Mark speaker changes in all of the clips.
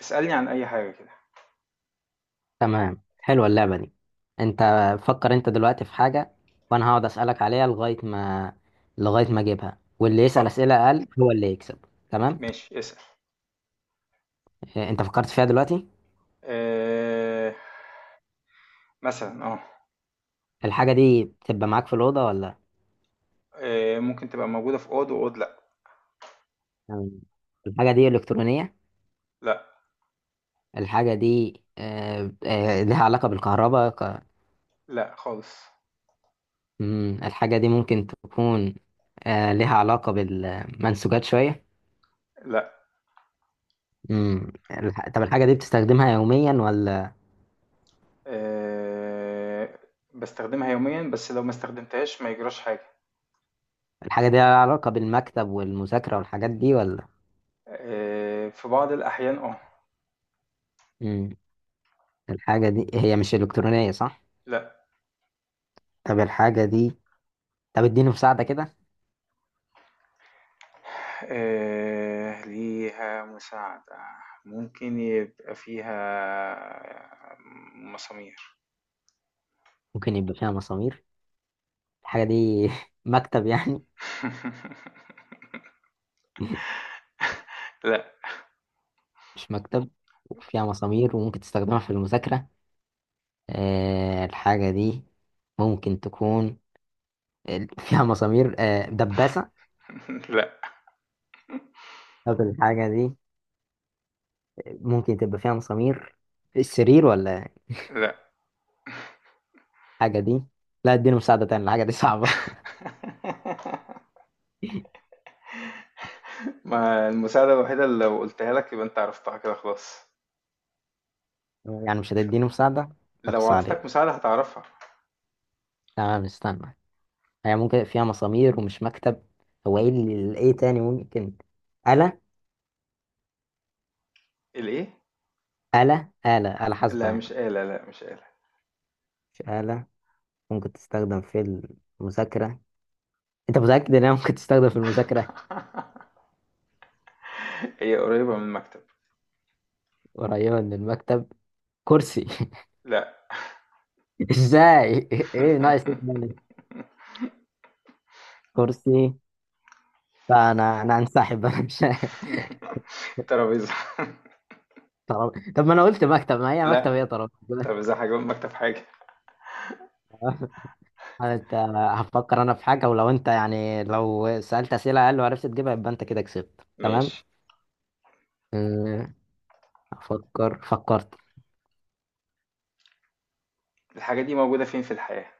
Speaker 1: اسألني عن أي حاجة كده.
Speaker 2: تمام، حلوة اللعبة دي. انت، فكر انت دلوقتي في حاجة، وانا هقعد اسألك عليها لغاية ما اجيبها، واللي يسأل
Speaker 1: اتفضل.
Speaker 2: اسئلة اقل هو اللي يكسب. تمام.
Speaker 1: ماشي، اسأل.
Speaker 2: إيه، انت فكرت فيها دلوقتي؟
Speaker 1: آه. مثلا
Speaker 2: الحاجة دي بتبقى معاك في الأوضة ولا؟
Speaker 1: ممكن تبقى موجودة في أوض، وأوض لأ.
Speaker 2: تمام. الحاجة دي إلكترونية؟
Speaker 1: لأ.
Speaker 2: الحاجة دي لها علاقة بالكهرباء
Speaker 1: خالص.
Speaker 2: الحاجة دي ممكن تكون لها علاقة بالمنسوجات شوية.
Speaker 1: لأ
Speaker 2: طب الحاجة دي بتستخدمها يوميا ولا؟
Speaker 1: آه بستخدمها يوميا بس لو ما استخدمتهاش ما يجراش حاجة
Speaker 2: الحاجة دي لها علاقة بالمكتب والمذاكرة والحاجات دي ولا؟
Speaker 1: آه في بعض الأحيان اه
Speaker 2: مم. الحاجة دي هي مش إلكترونية صح؟
Speaker 1: لأ.
Speaker 2: طب الحاجة دي، طب اديني مساعدة كده.
Speaker 1: آه، ليها مساعدة، ممكن يبقى فيها مسامير.
Speaker 2: ممكن يبقى فيها مسامير. الحاجة دي مكتب يعني؟
Speaker 1: لأ.
Speaker 2: مش مكتب. وفيها مسامير وممكن تستخدمها في المذاكرة. آه الحاجة دي ممكن تكون فيها مسامير آه دباسة.
Speaker 1: لأ
Speaker 2: طب الحاجة دي ممكن تبقى فيها مسامير في السرير ولا؟
Speaker 1: لأ
Speaker 2: الحاجة دي، لا اديني مساعدة تاني، الحاجة دي صعبة.
Speaker 1: ما المساعدة الوحيدة اللي لو قلتها لك يبقى انت عرفتها كده خلاص.
Speaker 2: يعني مش هتديني مساعدة؟
Speaker 1: لو
Speaker 2: اقصى عليك.
Speaker 1: اعطيتك مساعدة هتعرفها.
Speaker 2: تمام استنى. هي ممكن فيها مسامير ومش مكتب. هو ايه اللي ايه تاني ممكن؟ آلة.
Speaker 1: الايه؟
Speaker 2: آلة حاسبة
Speaker 1: لا
Speaker 2: يعني.
Speaker 1: مش آلة،
Speaker 2: مش آلة. ممكن تستخدم في المذاكرة. انت متأكد انها ممكن تستخدم في المذاكرة؟
Speaker 1: هي قريبة من المكتب.
Speaker 2: قريبة من المكتب. كرسي
Speaker 1: لا.
Speaker 2: ازاي؟ ايه ناقص إيه تاني؟ كرسي. فانا انسحب انا مش.
Speaker 1: ترابيزة.
Speaker 2: طب طب ما انا قلت مكتب، ما هي مكتب
Speaker 1: لا،
Speaker 2: هي ترابيزة.
Speaker 1: ترابيزة حاجة والمكتب حاجة.
Speaker 2: انت، هفكر انا في حاجة، ولو انت يعني لو سألت أسئلة اقل وعرفت تجيبها يبقى انت كده كسبت. تمام.
Speaker 1: ماشي.
Speaker 2: أه، أفكر، فكرت.
Speaker 1: الحاجة دي موجودة فين في الحياة؟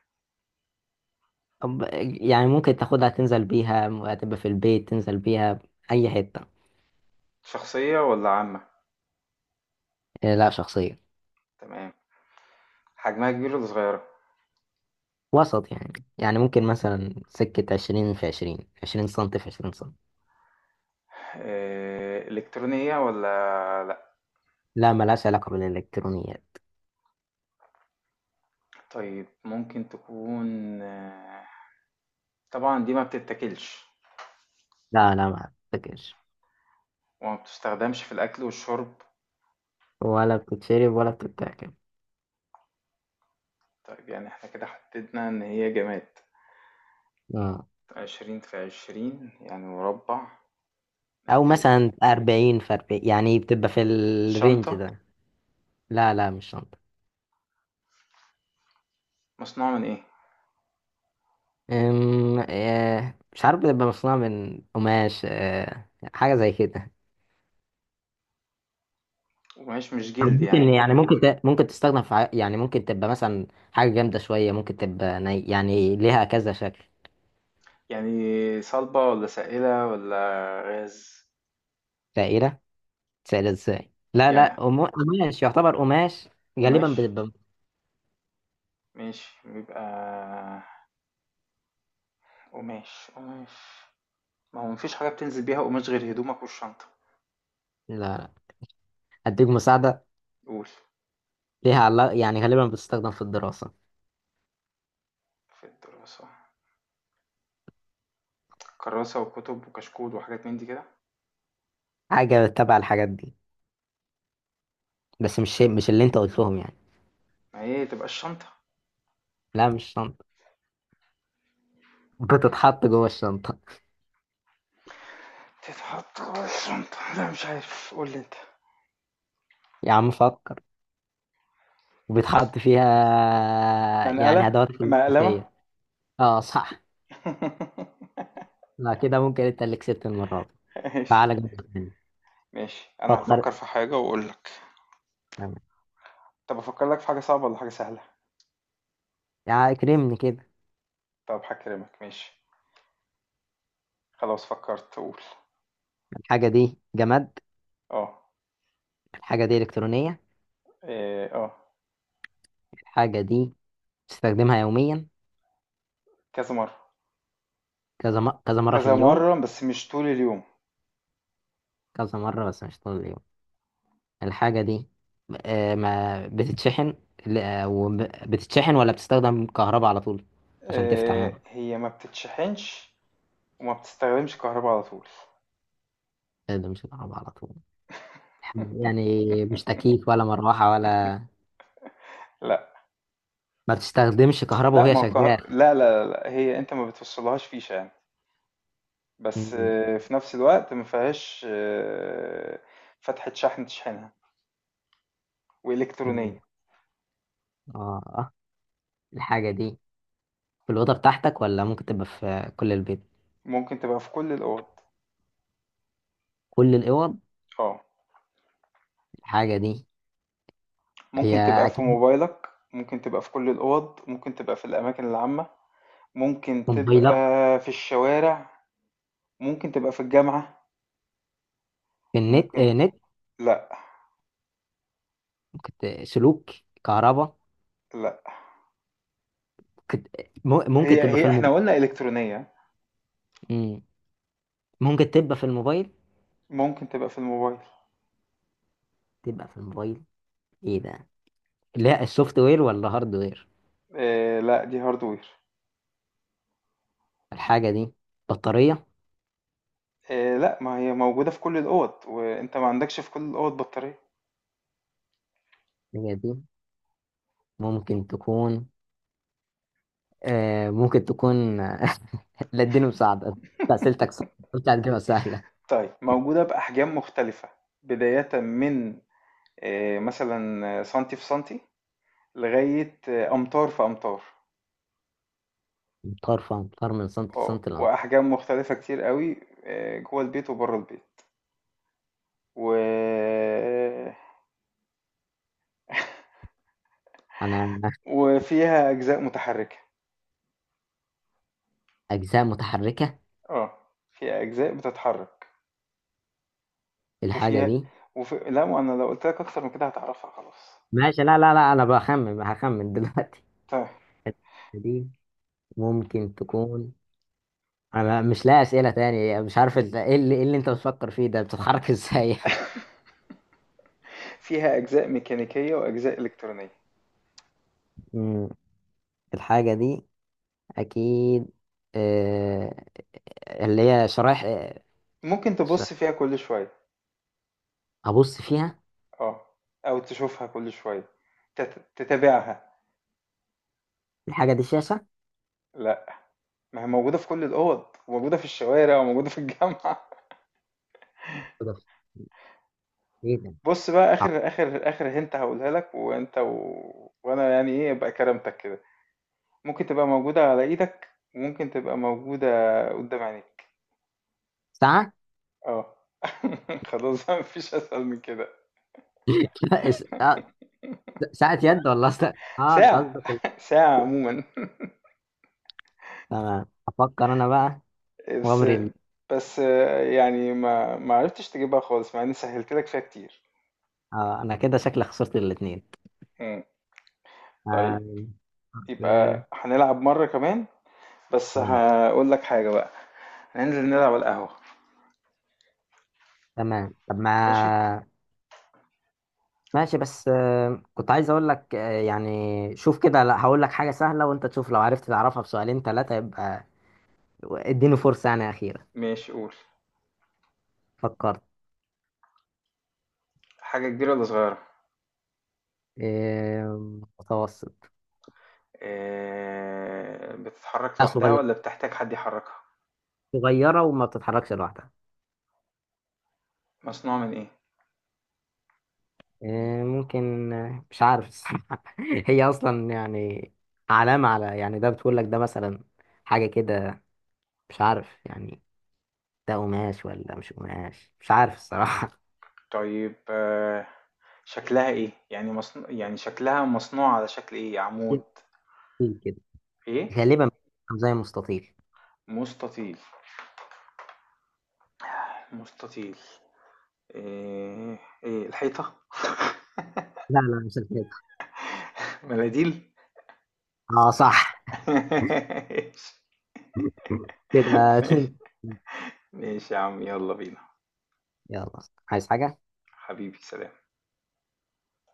Speaker 2: طب يعني ممكن تاخدها تنزل بيها، هتبقى في البيت تنزل بيها أي حتة.
Speaker 1: شخصية ولا عامة؟
Speaker 2: لا، شخصية.
Speaker 1: تمام. حجمها كبير ولا صغيرة؟
Speaker 2: وسط يعني، يعني ممكن مثلا سكة 20 في 20، 20 سنتي في 20 سنتي.
Speaker 1: إلكترونية ولا لا؟
Speaker 2: لا ملهاش علاقة بالإلكترونيات.
Speaker 1: طيب، ممكن تكون طبعا دي ما بتتاكلش،
Speaker 2: لا لا ما أفتكرش.
Speaker 1: وما بتستخدمش في الأكل والشرب.
Speaker 2: ولا بتتشرب ولا بتتاكل.
Speaker 1: طيب، يعني احنا كده حددنا إن هي جماد.
Speaker 2: اه.
Speaker 1: عشرين في عشرين يعني مربع.
Speaker 2: أو
Speaker 1: إيه؟
Speaker 2: مثلا 40 في 40 يعني بتبقى في الرينج
Speaker 1: شنطة.
Speaker 2: ده. لا لا مش شنطة.
Speaker 1: مصنوعة من إيه؟
Speaker 2: أم... أه، مش عارف، بتبقى مصنوعة من قماش، حاجة زي كده.
Speaker 1: ومش مش
Speaker 2: أو
Speaker 1: جلد
Speaker 2: ممكن
Speaker 1: يعني.
Speaker 2: يعني ممكن ممكن تستخدم في يعني ممكن تبقى مثلا حاجة جامدة شوية، ممكن تبقى يعني ليها كذا شكل.
Speaker 1: يعني صلبة ولا سائلة ولا غاز؟
Speaker 2: سائلة. سائلة ازاي؟ لا
Speaker 1: يعني
Speaker 2: لا قماش، يعتبر قماش غالبا
Speaker 1: قماش.
Speaker 2: بتبقى.
Speaker 1: ماشي، بيبقى قماش. ما هو مفيش حاجة بتنزل بيها قماش غير هدومك والشنطة.
Speaker 2: لا لا أديك مساعدة.
Speaker 1: قول.
Speaker 2: ليها علاقة يعني غالبا بتستخدم في الدراسة.
Speaker 1: في الدراسة، كراسة وكتب وكشكول وحاجات من دي كده.
Speaker 2: حاجة تبع الحاجات دي بس مش اللي أنت قلتهم يعني.
Speaker 1: ما هي تبقى الشنطة.
Speaker 2: لا مش شنطة، بتتحط جوه الشنطة.
Speaker 1: تتحط جوه الشنطة، لا مش عارف، قول لي انت.
Speaker 2: يا عم فكر، بيتحط فيها. يعني
Speaker 1: منقلة،
Speaker 2: أدوات
Speaker 1: مقلمة.
Speaker 2: الكلية. اه صح. لا كده ممكن أنت اللي كسبت المرة دي.
Speaker 1: ماشي.
Speaker 2: تعالى جنبك.
Speaker 1: ماشي، انا
Speaker 2: فكر
Speaker 1: هفكر في حاجة واقول لك.
Speaker 2: يعني.
Speaker 1: طب افكر لك في حاجة صعبة ولا حاجة سهلة؟
Speaker 2: يعني كرمني كده.
Speaker 1: طب هكرمك، ماشي. خلاص فكرت، قول.
Speaker 2: الحاجة دي جماد.
Speaker 1: اه.
Speaker 2: الحاجة دي إلكترونية.
Speaker 1: إيه، اه.
Speaker 2: الحاجة دي تستخدمها يوميا.
Speaker 1: كذا مرة.
Speaker 2: كذا مرة في
Speaker 1: كذا
Speaker 2: اليوم.
Speaker 1: مرة بس مش طول اليوم.
Speaker 2: كذا مرة بس مش طول اليوم. الحاجة دي ما بتتشحن. ل- آه، وب- بتتشحن ولا بتستخدم كهرباء على طول؟ عشان تفتح يعني.
Speaker 1: إيه، هي ما بتتشحنش وما بتستخدمش كهرباء على طول.
Speaker 2: إيه ده، مش كهرباء على طول يعني. مش تكييف ولا مروحة ولا.
Speaker 1: لا،
Speaker 2: ما بتستخدمش كهرباء
Speaker 1: لا
Speaker 2: وهي
Speaker 1: ما هو
Speaker 2: شغالة.
Speaker 1: لا، هي انت ما بتوصلهاش فيشة يعني. بس
Speaker 2: مم.
Speaker 1: في نفس الوقت ما فيهاش فتحة شحن تشحنها،
Speaker 2: مم.
Speaker 1: وإلكترونية.
Speaker 2: اه. الحاجة دي في الأوضة بتاعتك ولا ممكن تبقى في كل البيت؟
Speaker 1: ممكن تبقى في كل الأوض.
Speaker 2: كل الاوض.
Speaker 1: اه،
Speaker 2: الحاجه دي هي،
Speaker 1: ممكن تبقى في
Speaker 2: اكيد،
Speaker 1: موبايلك، ممكن تبقى في كل الأوض، ممكن تبقى في الأماكن العامة، ممكن
Speaker 2: موبايلك.
Speaker 1: تبقى في الشوارع، ممكن تبقى في الجامعة.
Speaker 2: في النت
Speaker 1: ممكن.
Speaker 2: نت.
Speaker 1: لا.
Speaker 2: ممكن سلوك كهرباء.
Speaker 1: لا
Speaker 2: ممكن ممكن
Speaker 1: هي
Speaker 2: تبقى في
Speaker 1: هي احنا
Speaker 2: الموبايل.
Speaker 1: قلنا إلكترونية.
Speaker 2: مم. ممكن تبقى في الموبايل.
Speaker 1: ممكن تبقى في الموبايل.
Speaker 2: تبقى في الموبايل. ايه ده؟ لا السوفت وير ولا هارد وير.
Speaker 1: آه لا، دي هاردوير.
Speaker 2: الحاجه دي بطاريه.
Speaker 1: آه لا، ما هي موجودة في كل الأوض، وانت ما عندكش في كل الأوض بطارية.
Speaker 2: الحاجه دي ممكن تكون، آه ممكن تكون لا اديني مساعده أنت، اسئلتك صعبة، قلت هتجيبها سهله.
Speaker 1: طيب، موجودة بأحجام مختلفة. بداية من مثلا سنتي في سنتي، لغاية أمتار في أمتار.
Speaker 2: مطار فمطار من سنت
Speaker 1: اه،
Speaker 2: لسنت الأنت.
Speaker 1: وأحجام مختلفة كتير قوي. جوه البيت وبره البيت، و...
Speaker 2: انا.
Speaker 1: وفيها أجزاء متحركة.
Speaker 2: اجزاء متحركه.
Speaker 1: اه، فيها أجزاء بتتحرك.
Speaker 2: الحاجه
Speaker 1: وفيها
Speaker 2: دي.
Speaker 1: لا، ما أنا لو قلت لك أكتر من كده هتعرفها خلاص.
Speaker 2: ماشي لا لا لا انا بخمن، هخمن دلوقتي.
Speaker 1: طيب،
Speaker 2: دي ممكن تكون، انا مش لاقي اسئله تاني، مش عارف ايه اللي إيه اللي انت بتفكر فيه ده بتتحرك ازاي يعني؟
Speaker 1: فيها أجزاء ميكانيكية وأجزاء إلكترونية.
Speaker 2: مم. الحاجه دي اكيد، آه، اللي هي شرايح،
Speaker 1: ممكن
Speaker 2: ش-
Speaker 1: تبص فيها كل شوية.
Speaker 2: ابص فيها.
Speaker 1: آه، أو تشوفها كل شوية، تتابعها.
Speaker 2: الحاجه دي شاشه.
Speaker 1: لأ، ما هي موجودة في كل الأوض، وموجودة في الشوارع وموجودة في الجامعة.
Speaker 2: أضف. ايه ده.
Speaker 1: بُص بقى،
Speaker 2: حاضر.
Speaker 1: آخر hint هاقولها لك، وأنت وأنا يعني إيه، أبقى كرمتك كده. ممكن تبقى موجودة على إيدك، وممكن تبقى موجودة قدّام عينيك.
Speaker 2: ساعه.
Speaker 1: آه. خلاص، ما فيش أسهل من كده.
Speaker 2: لا، ساعه يد ولا قصدك؟ اه انت
Speaker 1: ساعة.
Speaker 2: قصدك
Speaker 1: ساعة عمومًا.
Speaker 2: تمام افكر انا بقى.
Speaker 1: بس.
Speaker 2: وامري
Speaker 1: بس يعني ما عرفتش تجيبها خالص مع إني سهّلت لك فيها كتير.
Speaker 2: آه انا كده شكلي خسرت الاثنين.
Speaker 1: إمم، طيب، يبقى هنلعب مرة كمان، بس
Speaker 2: مم.
Speaker 1: هقول لك حاجة بقى. هننزل نلعب على القهوة.
Speaker 2: تمام طب
Speaker 1: ماشي.
Speaker 2: ما. ماشي بس كنت عايز اقول لك يعني شوف كده، لا هقول لك حاجة سهلة وانت تشوف، لو عرفت تعرفها في سؤالين ثلاثة يبقى. اديني فرصة يعني أخيرة.
Speaker 1: ماشي، قول.
Speaker 2: فكرت.
Speaker 1: حاجة كبيرة ولا صغيرة؟
Speaker 2: متوسط.
Speaker 1: إيه، بتتحرك لوحدها
Speaker 2: صغير.
Speaker 1: ولا بتحتاج حد يحركها؟
Speaker 2: صغيرة وما بتتحركش لوحدها.
Speaker 1: مصنوعة من ايه؟
Speaker 2: ممكن، مش عارف الصراحة هي أصلا يعني علامة على، يعني ده بتقول لك ده مثلا حاجة كده، مش عارف يعني. ده قماش ولا مش قماش، مش عارف الصراحة.
Speaker 1: طيب، شكلها ايه يعني، مصنوع يعني شكلها مصنوع على شكل ايه، عمود؟ ايه.
Speaker 2: غالبا زي مستطيل.
Speaker 1: مستطيل مستطيل. ايه، ايه، الحيطة؟
Speaker 2: لا لا مش الحيطة.
Speaker 1: مناديل.
Speaker 2: اه صح.
Speaker 1: ماشي.
Speaker 2: كده
Speaker 1: ماشي
Speaker 2: اتنين.
Speaker 1: ماشي يا عم، يلا بينا.
Speaker 2: يلا. عايز حاجة.
Speaker 1: حبيبي سلام.